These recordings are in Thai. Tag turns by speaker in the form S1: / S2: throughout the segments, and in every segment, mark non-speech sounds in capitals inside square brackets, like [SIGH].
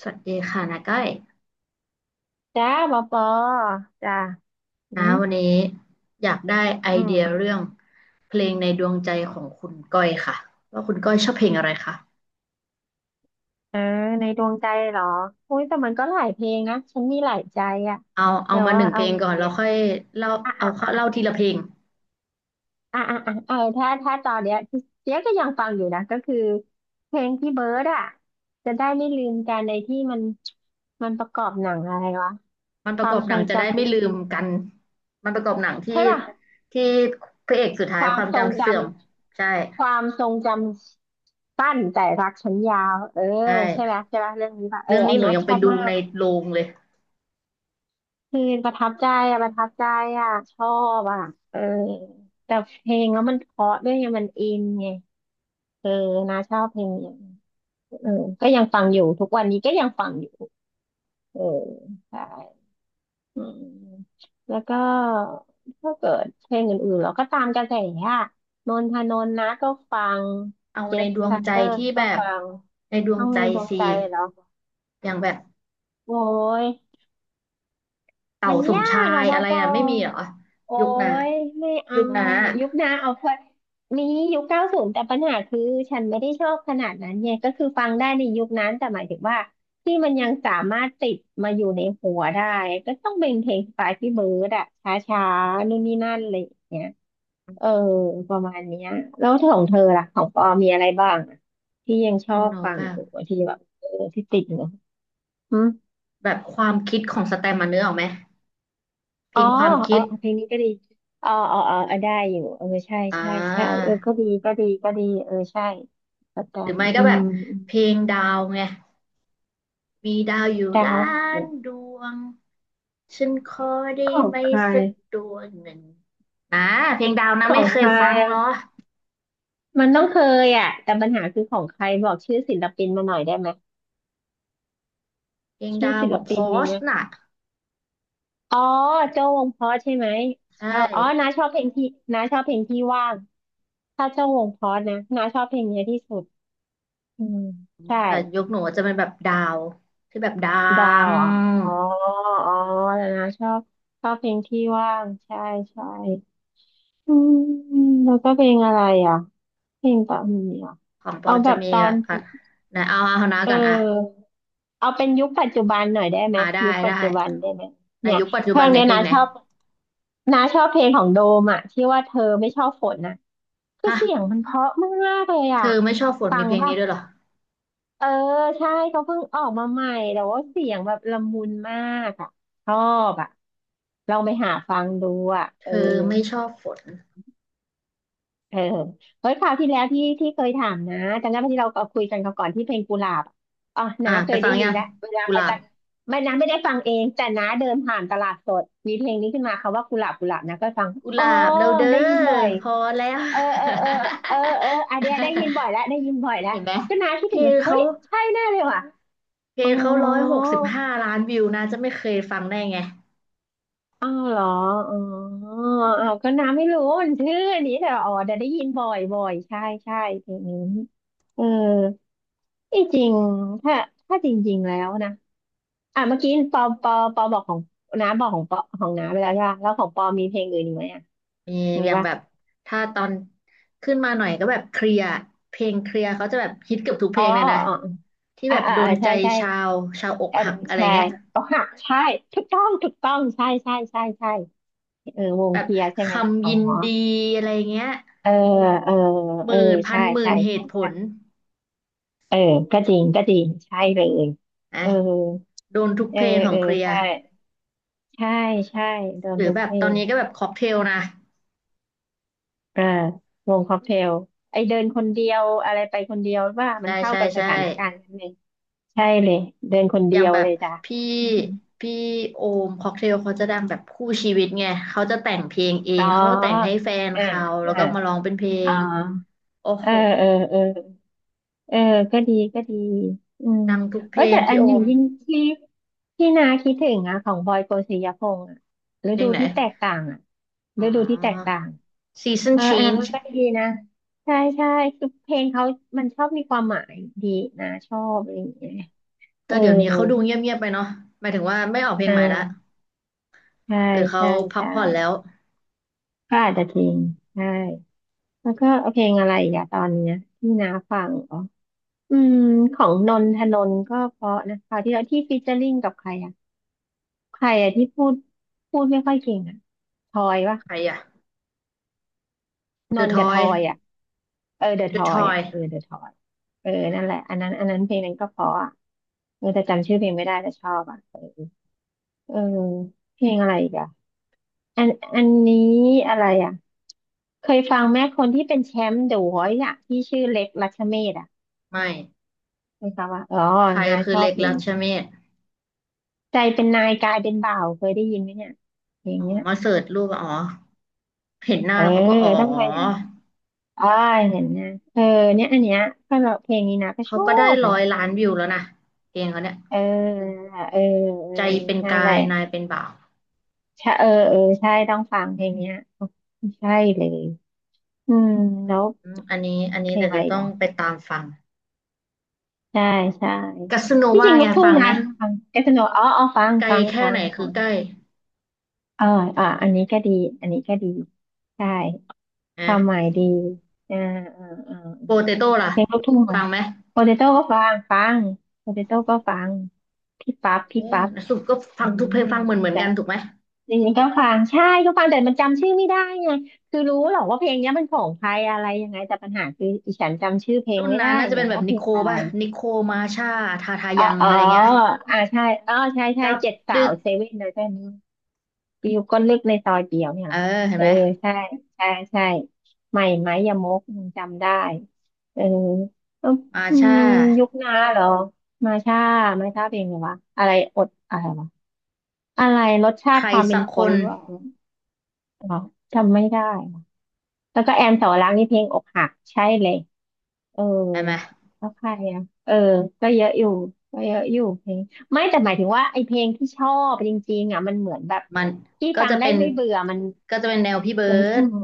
S1: สวัสดีค่ะนาก้อย
S2: จ้าหมอปอจ้าอื
S1: นะ
S2: ม
S1: วันนี้อยากได้ไอ
S2: อื
S1: เดีย
S2: ม
S1: เรื่องเพลงในดวงใจของคุณก้อยค่ะว่าคุณก้อยชอบเพลงอะไรคะ
S2: เออในดวงใจเหรออุ้ยแต่มันก็หลายเพลงนะฉันมีหลายใจอะ
S1: เอา
S2: แต่
S1: มาห
S2: ว่า
S1: นึ่งเพ
S2: เอา
S1: ลง
S2: ไง
S1: ก่อน
S2: ดี
S1: แล้วค่อยเล่า
S2: อ่ะ
S1: เอา
S2: อ่ะอ่ะ
S1: เล่าทีละเพลง
S2: อ่ะอ่ะอ่ะเออถ้าตอนเนี้ยเจ๊ก็ยังฟังอยู่นะก็คือเพลงพี่เบิร์ดอะจะได้ไม่ลืมกันในที่มันประกอบหนังอะไรวะ
S1: มันป
S2: ค
S1: ระ
S2: วา
S1: กอ
S2: ม
S1: บห
S2: ท
S1: นั
S2: ร
S1: ง
S2: ง
S1: จะ
S2: จ
S1: ได้ไม่ลืมกันมันประกอบหนัง
S2: ำ
S1: ที่
S2: ใช่ป่ะ
S1: ที่พระเอกสุดท้า
S2: ค
S1: ย
S2: วา
S1: ค
S2: ม
S1: วาม
S2: ทรง
S1: จำ
S2: จ
S1: เสื่อมใช่
S2: ำความทรงจำสั้นแต่รักฉันยาวเออ
S1: ใช่
S2: ใช่ไหมใช่ไหมเรื่องนี้ป่ะเออ
S1: เรื่อง
S2: อั
S1: นี้
S2: น
S1: หนู
S2: เนี้ย
S1: ยัง
S2: ช
S1: ไป
S2: อบ
S1: ดู
S2: มา
S1: ใน
S2: ก
S1: โรงเลย
S2: คือประทับใจอะประทับใจอะชอบอะเออแต่เพลงแล้วมันเพราะด้วยไงมันอินไงเออนะชอบเพลงนี้เออก็ยังฟังอยู่ทุกวันนี้ก็ยังฟังอยู่เออใช่ อืมแล้วก็ถ้าเกิดเพลงอื่นๆเราก็ตามกระแสอะนนทนนท์นะก็ฟัง
S1: เอา
S2: เจ
S1: ใน
S2: ฟ
S1: ดวง
S2: ซา
S1: ใจ
S2: เตอร์
S1: ที่
S2: ก็
S1: แบบ
S2: ฟัง
S1: ในดวง
S2: ต้อง
S1: ใจ
S2: เลนดวง
S1: สิ
S2: ใจเหรอ
S1: อย่างแบบ
S2: โอ้ย
S1: เต่า
S2: มัน
S1: สม
S2: ยา
S1: ชา
S2: กอะ
S1: ย
S2: บอ
S1: อะไร
S2: ปอ
S1: อ่ะไม่มีเหรอ
S2: โอ้
S1: ยุคนา
S2: ยไม่เอา
S1: ยุคนา
S2: อะยุคนะเอาเพอมียุค90แต่ปัญหาคือฉันไม่ได้ชอบขนาดนั้นไงก็คือฟังได้ในยุคนั้นแต่หมายถึงว่าที่มันยังสามารถติดมาอยู่ในหัวได้ก็ต้องเป็นเพลงสไตล์พี่เบิร์ดอะช้าๆนู่นนี่นั่นอะไรอย่างเงี้ยเออประมาณเนี้ยแล้วของเธอล่ะของปอมีอะไรบ้างอะที่ยังช
S1: ฟ
S2: อ
S1: อง
S2: บ
S1: โน
S2: ฟั
S1: แบ
S2: ง
S1: บ
S2: โอ้ที่แบบเออที่ติดเนอะ
S1: แบบความคิดของสแตมมาเนื้อออกไหมเพ
S2: อ๋
S1: ล
S2: อ
S1: งความ
S2: เอ
S1: คิ
S2: อ
S1: ด
S2: เอาเพลงนี้ก็ดีอ๋ออ๋ออ๋อเออได้อยู่เออใช่
S1: อ่
S2: ใช่ใช่
S1: า
S2: เออก็ดีก็ดีก็ดีเออใช่สแต
S1: หรือ
S2: มป์
S1: ไม่ก็
S2: อื
S1: แบ
S2: ม
S1: บ
S2: อืม
S1: เพลงดาวไงมีดาวอยู่
S2: ดาว
S1: ล้านดวงฉันขอได้
S2: ของ
S1: ไหม
S2: ใคร
S1: สักดวงหนึ่งนะเพลงดาวนะ
S2: ขอ
S1: ไม่
S2: งง
S1: เค
S2: ใค
S1: ย
S2: ร
S1: ฟังเหรอ
S2: อ่ะมันต้องเคยอ่ะแต่ปัญหาคือของใครบอกชื่อศิลปินมาหน่อยได้ไหม
S1: เพลง
S2: ชื่อ
S1: ดาว
S2: ศิ
S1: ข
S2: ล
S1: องพ
S2: ปิน
S1: อ
S2: มี
S1: ช
S2: นะ
S1: น่ะ
S2: อ๋อโจ้วงเพราะใช่ไหม
S1: ใช่
S2: ชอบอ๋อน้าชอบเพลงที่น้าชอบเพลงที่ว่างถ้าโจ้วงเพราะนะน้าชอบเพลงเนี้ยที่สุดอืมใช่
S1: แต่ยุคหนูจะเป็นแบบดาวที่แบบดั
S2: ดาว
S1: ง
S2: เหรออ๋ออ๋อแล้นะชอบชอบเพลงที่ว่างใช่ใช่อืมแล้วก็เพลงอะไรอ่ะเพลงตอนนี้อ่ะ
S1: ของปอ
S2: เอาแบ
S1: จะ
S2: บ
S1: มี
S2: ตอ
S1: แบ
S2: น
S1: บอ่ะไหนเอาเอานะ
S2: เ
S1: ก่อนอ่ะ
S2: ออเอาเป็นยุคปัจจุบันหน่อยได้ไหม
S1: อ่าได้
S2: ยุคปั
S1: ได้
S2: จจุบันได้ไหม
S1: ใน
S2: เนี่ย
S1: ยุคปัจจุ
S2: เพล
S1: บัน
S2: ง
S1: ไหน
S2: เนี้ย
S1: เพล
S2: นะ
S1: งไหน
S2: ชอบนะชอบเพลงของโดมอ่ะที่ว่าเธอไม่ชอบฝนน่ะคือ
S1: ฮะ
S2: เสียงมันเพราะมากเลย
S1: เธ
S2: อ่ะ
S1: อไม่ชอบฝน
S2: ฟั
S1: มี
S2: ง
S1: เพลง
S2: ป่ะ
S1: นี้ด้วยเหรอ
S2: เออใช่เขาเพิ่งออกมาใหม่แต่ว่าเสียงแบบละมุนมากอ่ะชอบอ่ะลองไปหาฟังดูอ่ะ
S1: เธ
S2: เออ
S1: อไม่ชอบฝน
S2: เออเฮ้ยคราวที่แล้วที่เคยถามนะจำได้ไหมที่เราเอาคุยกันราก่อนที่เพลงกุหลาบอะอ๋อ
S1: อ่า
S2: น้าเค
S1: ไป
S2: ย
S1: ฟั
S2: ได้
S1: ง
S2: ยิ
S1: ยั
S2: น
S1: ง
S2: แล้วเวลา
S1: กุ
S2: ไป
S1: หลา
S2: ต
S1: บ
S2: ลาดไม่น้าไม่ได้ฟังเองแต่น้าเดินผ่านตลาดสดมีเพลงนี้ขึ้นมาคำว่ากุหลาบกุหลาบนะก็ฟัง
S1: กุห
S2: อ๋อ
S1: ลาบแล้วเด้อ
S2: ได้ยินบ่อย
S1: พอแล้ว
S2: เออเออเออเออเอออันเดียได้ยินบ่อย
S1: [LAUGHS]
S2: แล้วได้ยินบ่อยแล้ว
S1: เห็นไหม
S2: ก็น้าคิด
S1: เพ
S2: ถึ
S1: ล
S2: งเล
S1: ง
S2: ยเฮ้
S1: เขา
S2: ยใช่แน่เลยว่ะ
S1: เพล
S2: อ๋อ
S1: งเขา165 ล้านวิวนะจะไม่เคยฟังได้ไง
S2: เอาเหรออ๋อเอาก็น้ำไม่รู้มันชื่ออันนี้แต่อ๋อแต่ได้ยินบ่อยบ่อยใช่ใช่เพลงนี้เออที่จริงถ้าถ้าจริงๆแล้วนะอ่ะเมื่อกี้ปอบอกของน้าบอกของปอของน้าไปแล้วใช่ปะแล้วของปอมีเพลงอื่นอีกไหมอ่ะ
S1: มี
S2: มี
S1: อย่าง
S2: ปะ
S1: แบบถ้าตอนขึ้นมาหน่อยก็แบบเคลียร์เพลงเคลียร์เขาจะแบบฮิตเกือบทุกเพ
S2: อ๋อ
S1: ลงเลยนะ
S2: อ๋อ
S1: ที่
S2: อ๋ออ่ะ
S1: แบบ
S2: อ่ะ
S1: โด
S2: อ่ะ
S1: นใจ
S2: ใช่ใช่
S1: ชาวชาวอก
S2: อัน
S1: หักอะไร
S2: ใช่
S1: เงี้ย
S2: อกหักใช่ถูกต้องถูกต้องใช่ใช่ใช่ใช่เออวง
S1: แบ
S2: เค
S1: บ
S2: ลียร์ใช่
S1: ค
S2: ไหม
S1: ำ
S2: อ๋อ
S1: ยินดีอะไรเงี้ย
S2: เออเออ
S1: ห
S2: เออ
S1: มื่นพั
S2: ใช่
S1: นหมื่
S2: ใช่
S1: นเห
S2: ใช่
S1: ตุผ
S2: ใช่
S1: ล
S2: เออก็จริงก็จริงใช่เลย
S1: นะ
S2: เออ
S1: โดนทุก
S2: เออ
S1: เพลงขอ
S2: เอ
S1: ง
S2: อ
S1: เคลียร์
S2: ใช่ใช่ใช่โด
S1: ห
S2: น
S1: รือ
S2: ทุก
S1: แบบ
S2: เพล
S1: ตอน
S2: ง
S1: นี้ก็แบบค็อกเทลนะ
S2: อ่าวงค็อกเทลไอเดินคนเดียวอะไรไปคนเดียวว่ามั
S1: ใช่
S2: นเข้า
S1: ใช่
S2: กับส
S1: ใช่
S2: ถานการณ์นั้นเลใช่เลยเดินคน
S1: อ
S2: เดี
S1: ย่าง
S2: ยว
S1: แบบ
S2: เลยจ้ะ
S1: พี่พี่โอมค็อกเทลเขาจะดังแบบคู่ชีวิตไงเขาจะแต่งเพลงเอ
S2: [LAUGHS] อ๋
S1: ง
S2: อ
S1: เขาก็แต่งให้แฟน
S2: อ่า
S1: เขาแล้ว
S2: อ่า
S1: ก็มาร้องเป็นเพล
S2: อ๋อ
S1: ง โอ้
S2: เออ
S1: โห
S2: เออเออเออก็ดีก็ดีอืม
S1: ดังทุกเพ
S2: เออ
S1: ลง
S2: แต่อั
S1: พี่
S2: น
S1: โอ
S2: หนึ่ง
S1: ม
S2: ยิ่งที่ที่นาคิดถึงอะของบอยโกสิยพงษ์อ่ะฤ
S1: เพล
S2: ดู
S1: งไหน
S2: ที่แตกต่างอะ
S1: อ๋อ
S2: ฤดูที่แตกต่าง
S1: Season
S2: เอออันนั้นมัน
S1: Change
S2: ก็ดีนะใช่ใช่คือเพลงเขามันชอบมีความหมายดีนะชอบอะไรอย่างเงี้ยเอ
S1: แต่
S2: อ
S1: เดี๋ยวนี้เขาดูเงียบๆไปเนาะหมายถึงว่าไม่ออกเพลง
S2: อ่
S1: ใหม่ละ
S2: าใช่
S1: หรือเขา
S2: ใช่
S1: พัก
S2: ใช่
S1: ผ่อนแล้ว
S2: ก็อาจจะทิ้งใช่แล้วก็เอาเพลงอะไรอย่าตอนเนี้ยที่นาฟัง อืมของนนทนนท์ก็เพราะนะคราวที่แล้วที่ฟีเจอริ่งกับใครอ่ะใครอ่ะที่พูดพูดไม่ค่อยเก่งอ่ะทอยปะ
S1: ใครอะ
S2: น
S1: The
S2: นท์กับทอย
S1: Toy
S2: อ่ะเออเดอะท
S1: The
S2: อยอ่ะเอ
S1: Toy
S2: อเดอะทอยเออนั่นแหละอันนั้นเพลงนั้นก็เพราะอ่ะเออแต่จำชื่อเพลงไม่ได้แต่ชอบอ่ะเออเออเพลงอะไรอีกอ่ะอันอันนี้อะไรอ่ะเคยฟังแม่คนที่เป็นแชมป์เดอะวอยซ์อ่ะที่ชื่อเล็กรัชเมศอ่ะ
S1: ไม่
S2: เคยฟังว่าอ๋อ
S1: ใคร
S2: นา
S1: คื
S2: ช
S1: อ
S2: อบ
S1: เล็ก
S2: เพล
S1: รั
S2: ง
S1: ชเมศ
S2: ใจเป็นนายกายเป็นบ่าวเคยได้ยินไหมเนี่ยเพลง
S1: อ๋อ
S2: เนี้ย
S1: มาเสิร์ชรูปอะอ๋อ เห็นหน้า
S2: เออ
S1: แล้วเขาก็อ๋อ
S2: ต้องไปเห็นอ่าเห็นนะเออเนี่ยอันเนี้ยก็เราเพลงนี้นะก็ช
S1: เขา
S2: อ
S1: ก็ได้
S2: บเล
S1: ร้อ
S2: ย
S1: ยล้านวิวแล้วนะเพลงเขาเนี่ย
S2: เออเออเออ
S1: ใจเป็น
S2: นั่นแห
S1: กา
S2: ละ
S1: ยนายเป็นบ่าว
S2: ใช่เออใช่ต้องฟังเพลงเนี้ยใช่เลยอืมแล้ว
S1: อืมอันนี้อัน
S2: เพ
S1: นี้
S2: ล
S1: แต่
S2: งอะ
S1: จะ
S2: ไรอีก
S1: ต้อง
S2: อ่ะ
S1: ไปตามฟัง
S2: ใช่ใช่
S1: กัสโน
S2: ที่จ
S1: วา
S2: ริงลู
S1: ไง
S2: กทุ่ง
S1: ฟังไห
S2: นะ
S1: ม
S2: ฟังแกสโนอ๋ออ๋อฟัง
S1: ไกล
S2: ฟัง
S1: แค่
S2: ฟั
S1: ไห
S2: ง
S1: นคื
S2: ฟั
S1: อ
S2: ง
S1: ใกล้
S2: เอออ่าอันนี้ก็ดีใช่ค
S1: อ่ะ
S2: วามหมายดีอ่าอ่าอ่า
S1: โปเตโต้ล่ะ
S2: เพลงลูกทุ่ง
S1: ฟั
S2: อะ
S1: งไหม
S2: โปเตโต้ก็ฟังโปเตโต้ก็ฟังพี่ปั๊บ
S1: เอ
S2: พี่
S1: อ
S2: ปั๊บ
S1: สุดก็ฟั
S2: อื
S1: งทุกเพล
S2: ม
S1: งฟังเหมือน
S2: ดี
S1: เหมือน
S2: ใจ
S1: กันถูกไหม
S2: จริงๆก็ฟังใช่ก็ฟังแต่มันจำชื่อไม่ได้ไงคือรู้หรอกว่าเพลงเนี้ยมันของใครอะไรยังไงแต่ปัญหาคืออีฉันจำชื่อเพลง
S1: รุ่น
S2: ไม่
S1: นั้
S2: ได้
S1: นน่าจะ
S2: ไง
S1: เป็นแบบ
S2: ว่าเพ
S1: นิ
S2: ล
S1: โค
S2: งอะไร
S1: ป่ะนิโคมาชาทาทา
S2: เอ๋อ
S1: ยัง
S2: เอ๋อ
S1: อะไรเงี้ย
S2: อ่าใช่อ๋อ ใช่
S1: กับ
S2: เจ็ดสา
S1: ดึ
S2: ว
S1: ก
S2: เซเว่นเลยใช่ไหม ปิวก็เล็กในซอยเดียวเนี่ย
S1: เอ
S2: เหร
S1: อ
S2: อ
S1: เห็น
S2: เออ
S1: ไหม
S2: ใช่ใช่ใช่ใหม่ไหมยมกยังจำได้เออเออ
S1: มา
S2: อื
S1: ชา
S2: มยุคน้าเหรอมาช่ามาช่าเป็นไงวะอะไรอดอะไรวะอะไรรสชา
S1: ใค
S2: ติ
S1: ร
S2: ความเป็
S1: สั
S2: น
S1: ก
S2: ค
S1: ค
S2: น
S1: น
S2: หรือว่าอ๋อจำไม่ได้ว่ะแล้วก็แอมสาวรักษ์นี่เพลงอกหักใช่เลยเออ
S1: เห็นไหม
S2: แล้วใครอ่ะเออก็เยอะอยู่ก็เยอะอยู่เพลงไม่แต่หมายถึงว่าไอเพลงที่ชอบจริงๆอ่ะมันเหมือนแบบ
S1: มัน
S2: ที่
S1: ก็
S2: ฟัง
S1: จะ
S2: ได้
S1: เป็น
S2: ไม่เบื่อมัน
S1: ก็จะเป็นแนวพี่เบิ
S2: มัน
S1: ร์
S2: อื
S1: ด
S2: ม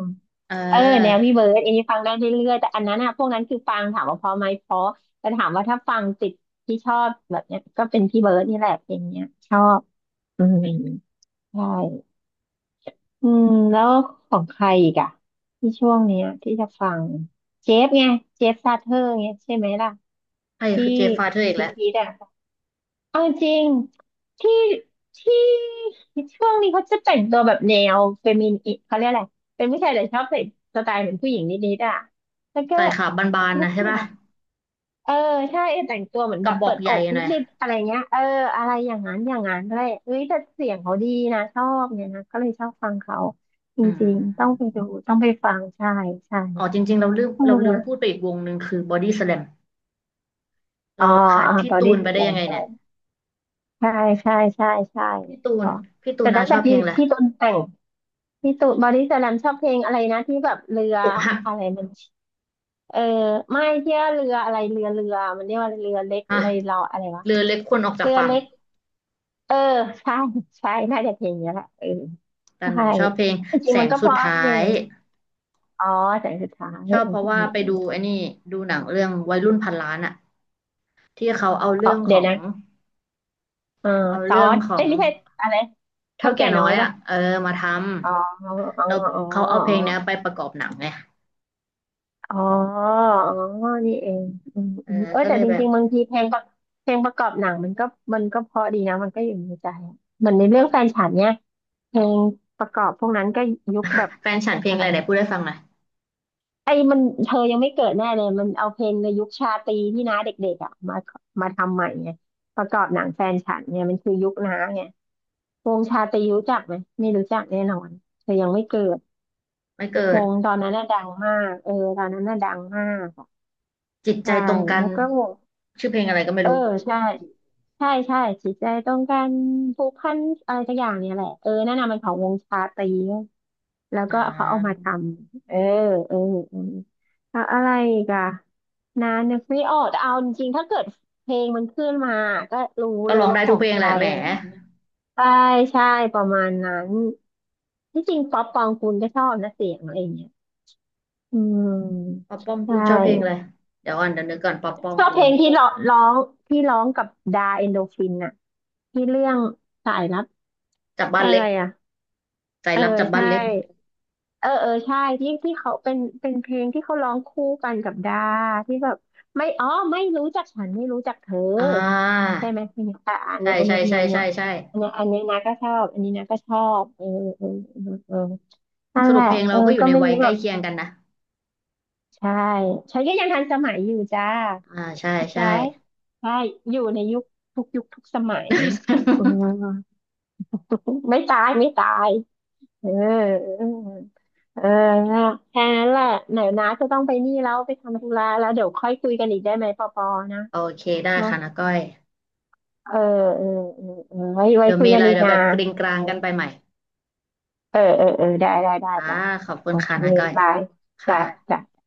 S1: เออ
S2: เออแนวพี่เบิร์ดอันนี้ฟังได้เรื่อยๆแต่อันนั้นอะพวกนั้นคือฟังถามว่าเพราะไหมเพราะแต่ถามว่าถ้าฟังติดที่ชอบแบบเนี้ยก็เป็นพี่เบิร์ดนี่แหละเพลงเนี้ยชอบอืมใช่อืมแล้วของใครอีกอะที่ช่วงเนี้ยที่จะฟังเจฟไงเจฟซาเธอร์เงี้ยใช่ไหมล่ะ
S1: ใคร
S2: ที่
S1: คือเจฟฟาเธอร์อีก
S2: ฮ
S1: แล้ว
S2: ิตๆอะ เอาจริงที่ที่ช่วงนี้เขาจะแต่งตัวแบบแนวเฟมินิเขาเรียกอะไรเป็นผู้ชายแต่ชอบใส่สไตล์เหมือนผู้หญิงนิดๆอ่ะแล้วก็
S1: ใส่ขาบบาน
S2: ลู
S1: ๆ
S2: ก
S1: นะ
S2: ค
S1: ใช่
S2: รึ่ง
S1: ป่ะ
S2: เออใช่แต่งตัวเหมือน
S1: ก
S2: แบ
S1: ระ
S2: บ
S1: บอ
S2: เปิ
S1: ก
S2: ด
S1: ให
S2: อ
S1: ญ่
S2: ก
S1: หน่อย
S2: นิดๆอะไรเงี้ยเอออะไรอย่างนั้นอะไรเอ้ยแต่เสียงเขาดีนะชอบเนี่ยนะก็เลยชอบฟังเขาจ
S1: อื
S2: ริงๆต้องไป
S1: ม
S2: ดูต้องไปฟังใช่ใช่
S1: อ๋อจริงๆเราลืม
S2: อื
S1: เราลืมพูด
S2: ม
S1: ไปอีกวงหนึ่งคือบอดี้สแลม
S2: อ๋อ
S1: เราขาด
S2: อ่า
S1: พี่
S2: บอ
S1: ตู
S2: ดี้
S1: น
S2: ส
S1: ไปได้
S2: แล
S1: ยั
S2: ม
S1: งไงเนี่ย
S2: ใช่ใช่ใช่ใช่
S1: พี่ตู
S2: เพ
S1: น
S2: ราะ
S1: พี่ตู
S2: แต่
S1: นนา
S2: ตั้ง
S1: ช
S2: แต่
S1: อบเพ
S2: พี่
S1: ลงอะไร
S2: พี่ต้นแต่ง พี่ตูนบอดี้สแลมชอบเพลงอะไรนะที่แบบเรือ
S1: อกหัก
S2: อะไรมันเออไม่เที่ยวเรืออะไรเรือมันเรียกว่าเรือเล็ก
S1: ฮะ
S2: เลยรออะไรวะ
S1: เรือเล็กควรออกจา
S2: เรื
S1: ก
S2: อ
S1: ฝั่ง
S2: เล็กเออใช่ใช่น่าจะเพลงเนี้ยแหละเออ
S1: แต่หนู
S2: ใช่
S1: ชอบเพลง
S2: จริ
S1: แส
S2: งๆมัน
S1: ง
S2: ก็เพ
S1: สุด
S2: ราะ
S1: ท้า
S2: ทุกเพล
S1: ย
S2: งอ๋อแสงสุดท้าย
S1: ชอบ
S2: เออ
S1: เพ
S2: เอ
S1: ราะว่า
S2: อ
S1: ไป
S2: เออ
S1: ดู
S2: เออ
S1: ไอ้นี่ดูหนังเรื่องวัยรุ่นพันล้านอะที่เขาเอา
S2: อ๋อ
S1: เรื่องข
S2: เดี๋
S1: อ
S2: ยว
S1: ง
S2: นะเออ
S1: เอา
S2: ซอ
S1: เรื่อง
S2: ส
S1: ขอ
S2: เอ้
S1: ง
S2: ยไม่ใช่อะไร
S1: เท่า
S2: เท่า
S1: แก่
S2: แก่
S1: น้
S2: น้อ
S1: อ
S2: ย
S1: ยอะ
S2: ปะ
S1: เออมาท
S2: อ๋ออ๋อ
S1: ำเรา
S2: อ๋อ
S1: เขาเอาเพ
S2: อ๋
S1: ลงเนี้ยไป
S2: อ
S1: ประกอบหนังไง
S2: อ๋ออ๋อ นี่เองอืม
S1: เออ
S2: อืมเออ
S1: ก็
S2: แต่
S1: เลย
S2: จ
S1: แบบ
S2: ริงๆบางทีเพลงประเพลงประกอบหนังมันก็เพราะดีนะมันก็อยู่ในใจอะเหมือนในเรื่อ
S1: เขา
S2: งแฟนฉันเนี่ยเพลงประกอบพวกนั้นก็ยุคแบบ
S1: แฟนฉันเพลง
S2: อะ
S1: อะ
S2: ไร
S1: ไรไหน
S2: อะ
S1: พูดได้ฟังหน่อย
S2: ไอ้มันเธอยังไม่เกิดแน่เลยมันเอาเพลงในยุคชาตรีที่น้าเด็กๆอ่ะมาทำใหม่ไงประกอบหนังแฟนฉันเนี่ยมันคือยุคน้าไงวงชาตรีรู้จักไหมไม่รู้จักแน่นอนเธอยังไม่เกิด
S1: ไม่เกิ
S2: ว
S1: ด
S2: งตอนนั้นน่ะดังมากเออตอนนั้นน่ะดังมากอะ
S1: จิตใจ
S2: ใช่
S1: ตรงกัน
S2: แล้วก็วง
S1: ชื่อเพลงอะไรก็ไม่
S2: เออ
S1: รู้
S2: ใช่ใช่จิตใจต้องการผูกพันอะไรสักอย่างเนี่ยแหละเออนั่นน่ะมันของวงชาตรีแล้ว
S1: อ่า
S2: ก็เขาเอามาทำเออเออแล้วอะไรอีกอะนานนึกไม่ออกแต่เอาจริงๆถ้าเกิดเพลงมันขึ้นมาก็รู้
S1: ก็
S2: เลย
S1: ร้อง
S2: ว่า
S1: ได้
S2: ข
S1: ทุ
S2: อ
S1: ก
S2: ง
S1: เพลง
S2: ใค
S1: แห
S2: ร
S1: ละแหม
S2: อะไรอย่างเงี้ยใช่ใช่ประมาณนั้นที่จริงป๊อปปองกูลก็ชอบนะเสียงอะไรอย่างเงี้ยอืม
S1: ป๊อปป้อม
S2: ใช
S1: กูลชอบเพลงอะไร
S2: ่
S1: เดี๋ยวก่อนเดี๋ยวนึกก่อนป๊อปป้อม
S2: ชอบเพ
S1: กู
S2: ล
S1: ล
S2: งที่ร้องที่ร้องกับดาเอนโดฟินน่ะที่เรื่องสายลับ
S1: จับบ้าน
S2: อะ
S1: เล็
S2: ไร
S1: ก
S2: อ่ะ
S1: ใจ
S2: เออ
S1: รับจับบ้าน
S2: ใช่
S1: เล็ก
S2: เออใช่ที่เขาเป็นเพลงที่เขาร้องคู่กันกับดาที่แบบไม่อ๋อไม่รู้จักฉันไม่รู้จักเธอ
S1: อ่า
S2: ใช่ไหมเพลงนี้อ่ะอัน
S1: ใช่
S2: เนี้ยอัน
S1: ใช่
S2: เนี้ย
S1: ใช่
S2: อันเนี้
S1: ใช่
S2: ย
S1: ใช่
S2: อันเนี้ยอันเนี้ยอันเนี้ยนะก็ชอบอันนี้นะก็ชอบเออเออนั่
S1: ส
S2: นแห
S1: รุป
S2: ละ
S1: เพลง
S2: เอ
S1: เรา
S2: อ
S1: ก็อยู่
S2: ก็
S1: ใน
S2: ไม่
S1: วั
S2: รู้
S1: ยใก
S2: แบ
S1: ล้
S2: บ
S1: เคียงกันนะ
S2: ใช่ฉันก็ยังทันสมัยอยู่จ้า
S1: อ่าใช่
S2: เข้าใจ
S1: ใช่
S2: ใช่อยู่ในยุคทุกยุคทุกสมัยเอ
S1: [LAUGHS]
S2: อไม่ตายไม่ตายเออเออเออแค่นั้นแหละไหนนะจะต้องไปนี่แล้วไปทำธุระแล้วเดี๋ยวค่อยคุยกันอีกได้ไหมปอปอนะ
S1: โอเคได้
S2: เนาะ
S1: ค่ะนาก้อย
S2: เออเออเออไว้ไว้
S1: เดี๋ยว
S2: คุย
S1: มี
S2: กั
S1: อะ
S2: น
S1: ไร
S2: อีก
S1: เดี๋ยว
S2: นะ
S1: แบบกริงกรางกันไปใหม่
S2: เออได้ได้ได้
S1: อ่า
S2: จ้ะ
S1: ขอ
S2: จ้ะ
S1: บคุ
S2: โอ
S1: ณ
S2: เค
S1: ค่ะนาก้อย
S2: บาย
S1: ค่ะ
S2: จ้ะจ้ะ